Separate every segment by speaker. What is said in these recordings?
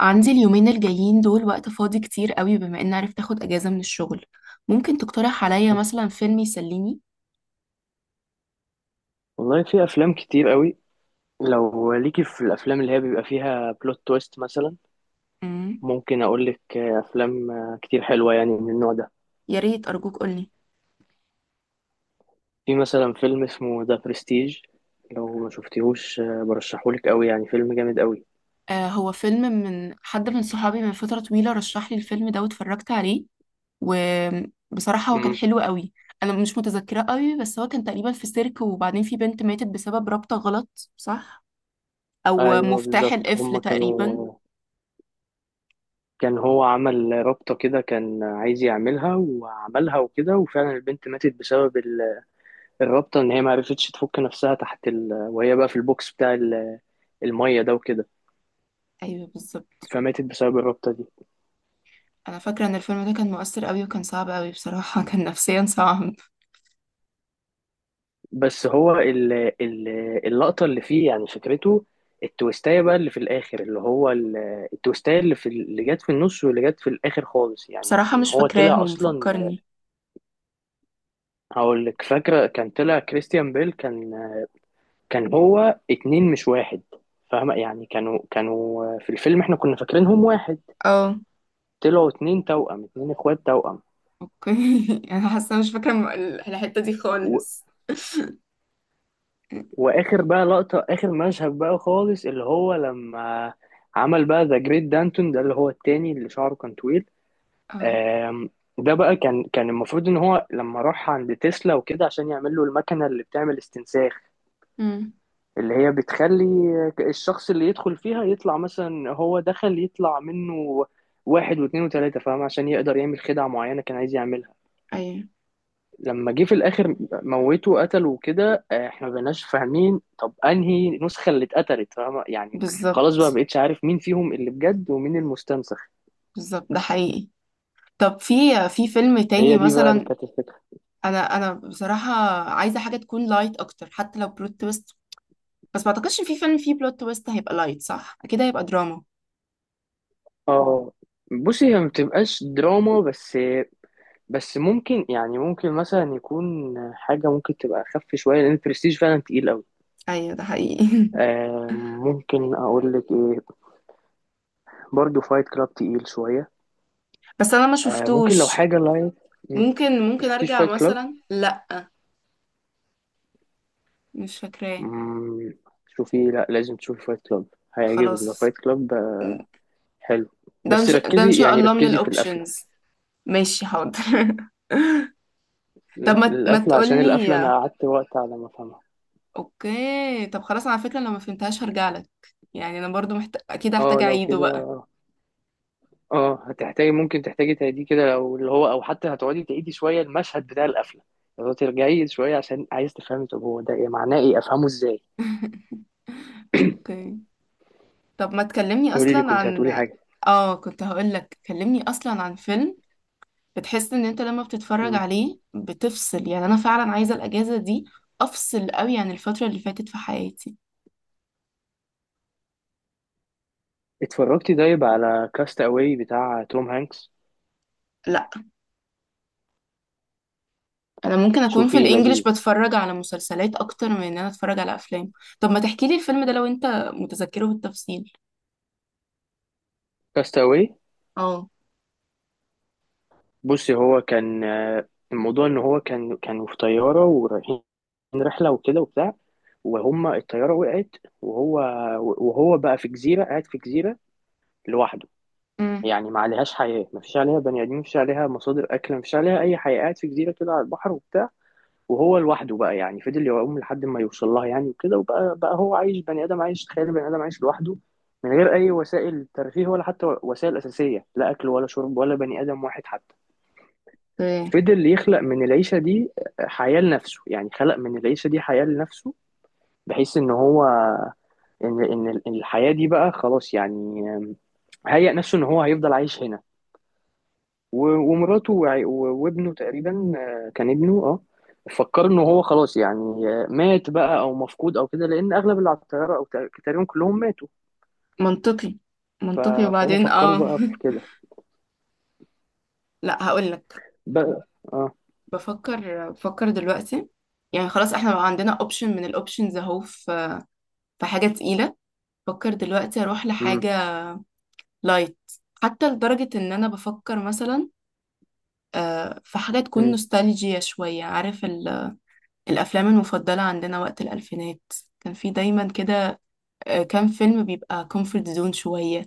Speaker 1: عندي اليومين الجايين دول وقت فاضي كتير قوي بما اني عرفت اخد اجازة من الشغل. ممكن تقترح عليا مثلا فيلم يسليني؟
Speaker 2: والله في افلام كتير قوي. لو ليكي في الافلام اللي هي بيبقى فيها بلوت تويست مثلا،
Speaker 1: امم.
Speaker 2: ممكن اقول لك افلام كتير حلوه يعني من النوع ده.
Speaker 1: يا ريت ارجوك قولي.
Speaker 2: في مثلا فيلم اسمه ذا برستيج. لو ما شفتيهوش برشحهولك قوي، يعني فيلم جامد قوي.
Speaker 1: آه، هو فيلم من حد من صحابي من فترة طويلة رشح لي الفيلم ده واتفرجت عليه، وبصراحة هو كان
Speaker 2: امم
Speaker 1: حلو قوي. انا مش متذكرة قوي بس هو كان تقريبا في سيرك، وبعدين في بنت ماتت بسبب رابطة غلط، صح؟ او
Speaker 2: ايوه
Speaker 1: مفتاح
Speaker 2: بالظبط،
Speaker 1: القفل
Speaker 2: هما
Speaker 1: تقريبا.
Speaker 2: كانوا. كان هو عمل رابطه كده، كان عايز يعملها وعملها وكده، وفعلا البنت ماتت بسبب الرابطه ان هي ما عرفتش تفك نفسها تحت وهي بقى في البوكس بتاع الميه ده وكده.
Speaker 1: ايوه بالظبط.
Speaker 2: فماتت بسبب الرابطة دي.
Speaker 1: انا فاكره ان الفيلم ده كان مؤثر قوي وكان صعب قوي، بصراحه كان نفسيا صعب.
Speaker 2: بس هو ال ال اللقطة اللي فيه يعني فكرته، التويستاية بقى اللي في الآخر، اللي هو التويستاية اللي في اللي جت في النص واللي جت في الآخر خالص، يعني
Speaker 1: بصراحة
Speaker 2: إن
Speaker 1: مش
Speaker 2: هو طلع
Speaker 1: فاكراهم،
Speaker 2: أصلا.
Speaker 1: فكرني.
Speaker 2: هقول لك فاكرة، كان طلع كريستيان بيل، كان هو اتنين مش واحد، فاهمة يعني، كانوا في الفيلم احنا كنا فاكرينهم واحد.
Speaker 1: اه.
Speaker 2: طلعوا اتنين توأم، اتنين اخوات توأم.
Speaker 1: اوكي. انا حاسه مش فاكره الحته دي خالص.
Speaker 2: واخر بقى لقطة، اخر مشهد بقى خالص، اللي هو لما عمل بقى ذا جريت دانتون، ده اللي هو التاني اللي شعره كان طويل.
Speaker 1: اه.
Speaker 2: آم، ده بقى كان المفروض ان هو لما راح عند تسلا وكده عشان يعمل له المكنة اللي بتعمل استنساخ،
Speaker 1: امم.
Speaker 2: اللي هي بتخلي الشخص اللي يدخل فيها يطلع، مثلا هو دخل يطلع منه واحد واثنين وثلاثة، فاهم، عشان يقدر يعمل خدعة معينة كان عايز يعملها.
Speaker 1: ايوه
Speaker 2: لما جه في الاخر، موته قتله وكده. احنا ما بقيناش فاهمين طب انهي نسخه اللي اتقتلت، فاهمة؟ يعني خلاص بقى ما
Speaker 1: بالظبط.
Speaker 2: بقتش عارف مين فيهم اللي بجد ومين المستنسخ.
Speaker 1: بالظبط ده حقيقي. طب في فيلم تاني
Speaker 2: هي دي بقى اللي
Speaker 1: مثلا.
Speaker 2: كانت الفكرة.
Speaker 1: انا بصراحه عايزه حاجه تكون لايت اكتر حتى لو بلوت تويست، بس ما اعتقدش في فيلم فيه بلوت تويست هيبقى لايت، صح؟ اكيد هيبقى دراما.
Speaker 2: اه، بصي هي ما بتبقاش دراما بس. بس ممكن يعني ممكن مثلا يكون حاجة ممكن تبقى أخف شوية، لأن البرستيج فعلا تقيل أوي.
Speaker 1: ايوه ده حقيقي.
Speaker 2: آه ممكن أقول لك إيه، برضه فايت كلاب تقيل شوية.
Speaker 1: بس انا ما
Speaker 2: آه ممكن لو
Speaker 1: شفتوش.
Speaker 2: حاجة لايت. مم،
Speaker 1: ممكن
Speaker 2: مشفتيش
Speaker 1: ارجع
Speaker 2: فايت كلاب؟
Speaker 1: مثلا، لا. مش فاكراه.
Speaker 2: مم، شوفي، لا لازم تشوفي فايت كلاب. هيعجبك ده
Speaker 1: خلاص.
Speaker 2: فايت كلاب، حلو. بس
Speaker 1: ده ان
Speaker 2: ركزي،
Speaker 1: شاء
Speaker 2: يعني
Speaker 1: الله من
Speaker 2: ركزي في القفلة.
Speaker 1: الاوبشنز. ماشي حاضر. طب ما
Speaker 2: القفلة عشان
Speaker 1: تقولي.
Speaker 2: القفلة أنا قعدت وقت على ما أفهمها.
Speaker 1: اوكي طب خلاص، على فكرة لو ما فهمتهاش هرجع لك. يعني انا برضو اكيد هحتاج
Speaker 2: اه لو
Speaker 1: اعيده
Speaker 2: كده،
Speaker 1: بقى.
Speaker 2: اه هتحتاجي، ممكن تحتاجي تعيدي كده لو اللي هو، أو حتى هتقعدي تعيدي شوية المشهد بتاع القفلة، لو ترجعي شوية عشان عايز تفهمي طب هو ده إيه، معناه إيه، أفهمه إزاي.
Speaker 1: اوكي طب ما تكلمني
Speaker 2: قولي لي،
Speaker 1: اصلا
Speaker 2: كنت هتقولي
Speaker 1: عن.
Speaker 2: حاجة.
Speaker 1: اه كنت هقول لك كلمني اصلا عن فيلم بتحس ان انت لما بتتفرج
Speaker 2: مم.
Speaker 1: عليه بتفصل، يعني انا فعلا عايزة الاجازة دي افصل قوي عن الفترة اللي فاتت في حياتي.
Speaker 2: اتفرجتي طيب على كاست أواي بتاع توم هانكس؟
Speaker 1: لا، انا ممكن اكون في
Speaker 2: شوفي
Speaker 1: الانجليش
Speaker 2: لذيذ.
Speaker 1: بتفرج على مسلسلات اكتر من ان انا اتفرج على افلام. طب ما تحكي لي الفيلم ده لو انت متذكره بالتفصيل.
Speaker 2: كاست أواي،
Speaker 1: اه.
Speaker 2: بصي هو كان الموضوع ان هو كانوا في طياره ورايحين رحله وكده وبتاع. وهم الطياره وقعت، وهو وهو بقى في جزيره، قاعد في جزيره لوحده.
Speaker 1: امم.
Speaker 2: يعني ما عليهاش حياه، ما فيش عليها بني ادمين، ما فيش عليها مصادر اكل، ما فيش عليها اي حياه، قاعد في جزيره كده على البحر وبتاع. وهو لوحده بقى، يعني فضل يعوم لحد ما يوصل لها يعني وكده، وبقى هو عايش، بني ادم عايش، تخيل بني ادم عايش لوحده من غير اي وسائل ترفيه ولا حتى وسائل اساسيه، لا اكل ولا شرب ولا بني ادم واحد حتى.
Speaker 1: إيه.
Speaker 2: فضل يخلق من العيشة دي حياة لنفسه، يعني خلق من العيشة دي حياة لنفسه، بحيث ان هو ان الحياة دي بقى خلاص، يعني هيأ نفسه ان هو هيفضل عايش هنا ومراته وابنه تقريبا. كان ابنه. اه فكر ان هو خلاص يعني مات بقى او مفقود او كده، لان اغلب اللي على الطيارة او تقريبا كلهم ماتوا.
Speaker 1: منطقي.
Speaker 2: ف-
Speaker 1: منطقي،
Speaker 2: فهم
Speaker 1: وبعدين
Speaker 2: فكروا
Speaker 1: اه.
Speaker 2: بقى في كده
Speaker 1: لا هقول لك.
Speaker 2: بقى. اه
Speaker 1: بفكر دلوقتي، يعني خلاص احنا بقى عندنا اوبشن من الاوبشنز اهو، في في حاجه تقيله. بفكر دلوقتي اروح
Speaker 2: امم
Speaker 1: لحاجه لايت، حتى لدرجه ان انا بفكر مثلا في حاجه تكون نوستالجيا شويه، عارف؟ الأفلام المفضلة عندنا وقت الألفينات كان في دايما كده. كام فيلم بيبقى كومفورت زون شوية،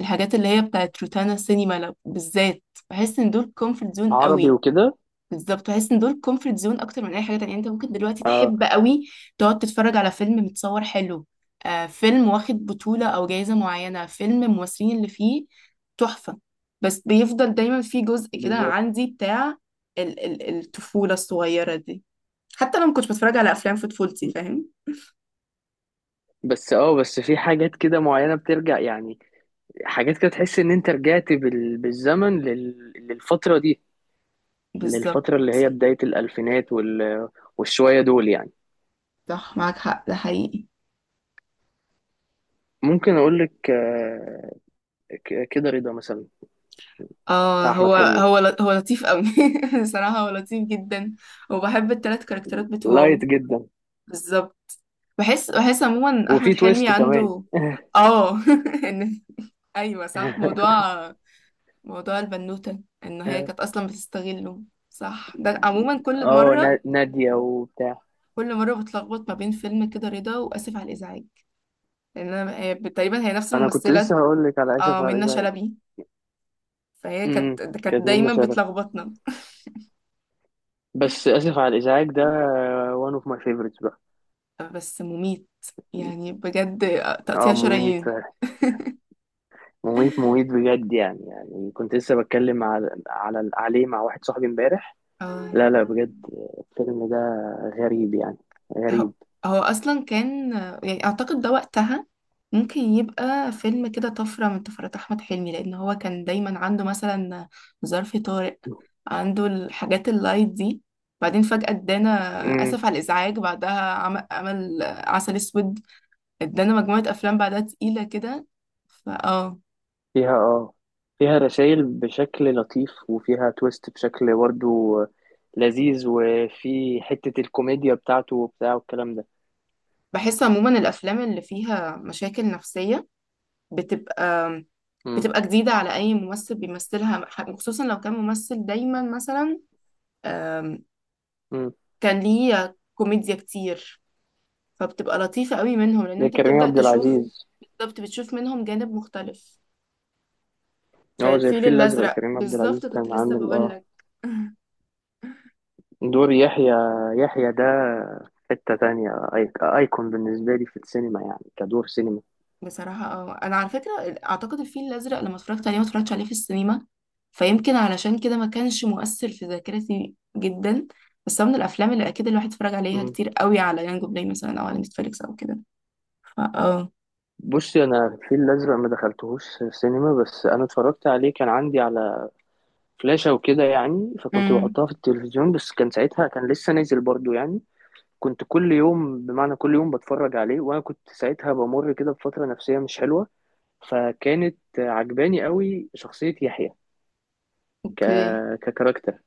Speaker 1: الحاجات اللي هي بتاعت روتانا سينما بالذات، بحس إن دول كومفورت زون
Speaker 2: عربي
Speaker 1: قوي.
Speaker 2: وكده.
Speaker 1: بالظبط بحس إن دول كومفورت زون أكتر من أي حاجة تانية. يعني أنت ممكن دلوقتي تحب
Speaker 2: اه
Speaker 1: قوي تقعد تتفرج على فيلم متصور حلو، فيلم واخد بطولة أو جايزة معينة، فيلم الممثلين اللي فيه تحفة، بس بيفضل دايما في جزء كده
Speaker 2: بالظبط.
Speaker 1: عندي بتاع الطفولة الصغيرة دي، حتى لو ما كنتش بتفرج على افلام في طفولتي، فاهم؟
Speaker 2: بس في حاجات كده معينة بترجع يعني، حاجات كده تحس ان انت رجعت بالزمن للفترة دي،
Speaker 1: بالظبط،
Speaker 2: للفترة اللي هي بداية الألفينات والشوية دول يعني.
Speaker 1: صح معاك حق، ده حقيقي.
Speaker 2: ممكن اقول لك كده رضا مثلا،
Speaker 1: اه
Speaker 2: بتاع أحمد حلمي،
Speaker 1: هو لطيف قوي. بصراحة هو لطيف جدا، وبحب التلات كاركترات بتوعه.
Speaker 2: لايت جدا،
Speaker 1: بالظبط، بحس عموما
Speaker 2: وفي
Speaker 1: احمد حلمي
Speaker 2: تويست كمان.
Speaker 1: عنده. اه. ان ايوه صح، موضوع البنوتة ان هي كانت اصلا بتستغله، صح. ده عموما كل
Speaker 2: اه
Speaker 1: مرة
Speaker 2: نادية وبتاع.
Speaker 1: كل مرة بتلخبط ما بين فيلم كده رضا واسف على الازعاج، لان تقريبا هي نفس
Speaker 2: انا كنت
Speaker 1: الممثلة.
Speaker 2: لسه هقول لك على
Speaker 1: اه
Speaker 2: اسف على
Speaker 1: منة
Speaker 2: الازعاج.
Speaker 1: شلبي. فهي
Speaker 2: امم
Speaker 1: كانت
Speaker 2: كانت منة
Speaker 1: دايما
Speaker 2: شلبي.
Speaker 1: بتلخبطنا.
Speaker 2: بس اسف على الازعاج ده one of my favorites بقى.
Speaker 1: بس مميت، يعني بجد تقطيع
Speaker 2: اه مميت
Speaker 1: شرايين.
Speaker 2: فعلا، مميت مميت بجد. يعني كنت لسه بتكلم على عليه مع واحد صاحبي امبارح.
Speaker 1: اه
Speaker 2: لا لا بجد، الفيلم ده غريب يعني،
Speaker 1: هو
Speaker 2: غريب.
Speaker 1: هو اصلا كان، يعني اعتقد ده وقتها ممكن يبقى فيلم كده طفرة من طفرات احمد حلمي، لان هو كان دايما عنده مثلا ظرف طارق، عنده الحاجات اللايت دي، بعدين فجأة ادانا
Speaker 2: امم
Speaker 1: اسف على الازعاج، بعدها عمل عسل اسود، ادانا مجموعة افلام بعدها تقيلة كده. فاه
Speaker 2: فيها فيها رسائل بشكل لطيف، وفيها تويست بشكل برضه لذيذ، وفي حتة الكوميديا بتاعته وبتاع والكلام ده.
Speaker 1: بحس عموما الافلام اللي فيها مشاكل نفسيه بتبقى
Speaker 2: امم
Speaker 1: بتبقى جديده على اي ممثل بيمثلها، خصوصا لو كان ممثل دايما مثلا آم،
Speaker 2: امم
Speaker 1: كان ليه كوميديا كتير، فبتبقى لطيفه قوي منهم لان
Speaker 2: زي
Speaker 1: انت
Speaker 2: كريم
Speaker 1: بتبدا
Speaker 2: عبد
Speaker 1: تشوف،
Speaker 2: العزيز.
Speaker 1: بالظبط بتشوف منهم جانب مختلف.
Speaker 2: هو زي
Speaker 1: فالفيل
Speaker 2: الفيل الأزرق،
Speaker 1: الازرق،
Speaker 2: كريم عبد
Speaker 1: بالظبط
Speaker 2: العزيز
Speaker 1: كنت
Speaker 2: كان
Speaker 1: لسه
Speaker 2: عامل
Speaker 1: بقول لك.
Speaker 2: دور يحيى. يحيى ده في حتة تانية أيكون بالنسبة لي في السينما، يعني كدور سينما.
Speaker 1: بصراحة انا على فكرة اعتقد الفيل الازرق لما اتفرجت عليه ما اتفرجتش عليه في السينما، فيمكن علشان كده ما كانش مؤثر في ذاكرتي جدا. بس هو من الافلام اللي اكيد الواحد اتفرج عليها
Speaker 2: مم.
Speaker 1: كتير قوي على يانجو بلاي مثلا او على نتفليكس او كده. فا. اه.
Speaker 2: بصي أنا الفيل الأزرق ما دخلتهوش سينما، بس أنا اتفرجت عليه، كان عندي على فلاشة وكده يعني، فكنت
Speaker 1: امم.
Speaker 2: بحطها في التلفزيون، بس كان ساعتها كان لسه نازل برضو يعني. كنت كل يوم، بمعنى كل يوم بتفرج عليه، وأنا كنت ساعتها بمر كده بفترة نفسية مش حلوة، فكانت عجباني قوي شخصية يحيى ك...
Speaker 1: اوكي.
Speaker 2: ككاركتر.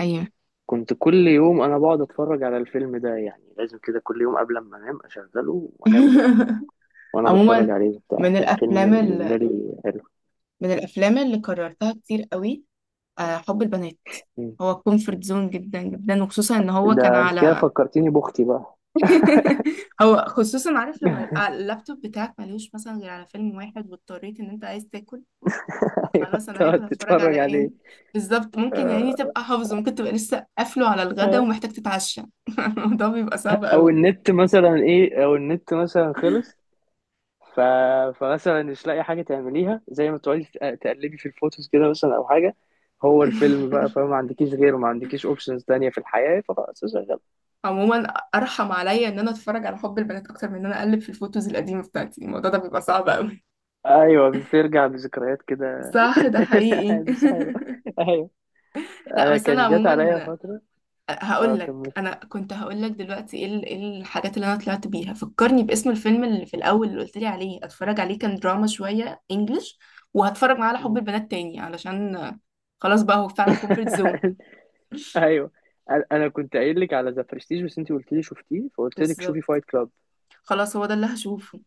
Speaker 1: ايوه.
Speaker 2: كنت كل يوم انا بقعد اتفرج على الفيلم ده، يعني لازم كده كل يوم قبل ما انام اشغله وانام وانا بتفرج
Speaker 1: عموما
Speaker 2: عليه وبتاع،
Speaker 1: من
Speaker 2: كان فيلم
Speaker 1: الافلام
Speaker 2: بالنسبه لي حلو.
Speaker 1: من الافلام اللي كررتها كتير قوي، حب البنات.
Speaker 2: مم.
Speaker 1: هو كومفورت زون جدا جدا، وخصوصا ان هو كان
Speaker 2: ده انت كده
Speaker 1: على.
Speaker 2: فكرتيني باختي بقى.
Speaker 1: هو خصوصا، عارف لما يبقى اللابتوب بتاعك ملهوش مثلا غير على فيلم واحد، واضطريت ان انت عايز تاكل،
Speaker 2: ايوه
Speaker 1: خلاص انا
Speaker 2: تقعد
Speaker 1: هاكل هتفرج على
Speaker 2: تتفرج عليه.
Speaker 1: ايه؟ بالظبط، ممكن يعني
Speaker 2: آه،
Speaker 1: تبقى حافظه، ممكن تبقى لسه قافله على الغدا
Speaker 2: آه.
Speaker 1: ومحتاج تتعشى. الموضوع بيبقى صعب
Speaker 2: او
Speaker 1: قوي.
Speaker 2: النت مثلا ايه، او النت مثلا خلص. ف... فمثلا مش لاقي حاجه تعمليها زي ما تقعدي تقلبي في الفوتوز كده مثلا او حاجه، هو الفيلم بقى، فما عندكيش غيره، ما عندكيش اوبشنز تانية في الحياه، فخلاص.
Speaker 1: عموما ارحم عليا ان انا اتفرج على حب البنات اكتر من ان انا اقلب في الفوتوز القديمه بتاعتي، الموضوع ده بيبقى صعب قوي.
Speaker 2: ايوه بترجع بذكريات كده.
Speaker 1: صح ده حقيقي.
Speaker 2: مش حلو. ايوه.
Speaker 1: لا
Speaker 2: انا
Speaker 1: بس انا
Speaker 2: كان جات عليا
Speaker 1: عموما
Speaker 2: فتره. اه
Speaker 1: هقول لك،
Speaker 2: كملت.
Speaker 1: انا كنت هقول لك دلوقتي ايه إيه الحاجات اللي انا طلعت بيها، فكرني باسم الفيلم اللي في الاول اللي قلت لي عليه اتفرج عليه، كان دراما شويه انجلش، وهتفرج معاه على حب
Speaker 2: مم.
Speaker 1: البنات تاني علشان خلاص بقى هو فعلا كومفورت زون.
Speaker 2: ايوه. انا كنت قايل لك على ذا برستيج، بس انت قلت لي شفتيه، فقلت لك شوفي
Speaker 1: بالظبط،
Speaker 2: فايت كلاب.
Speaker 1: خلاص هو ده اللي هشوفه.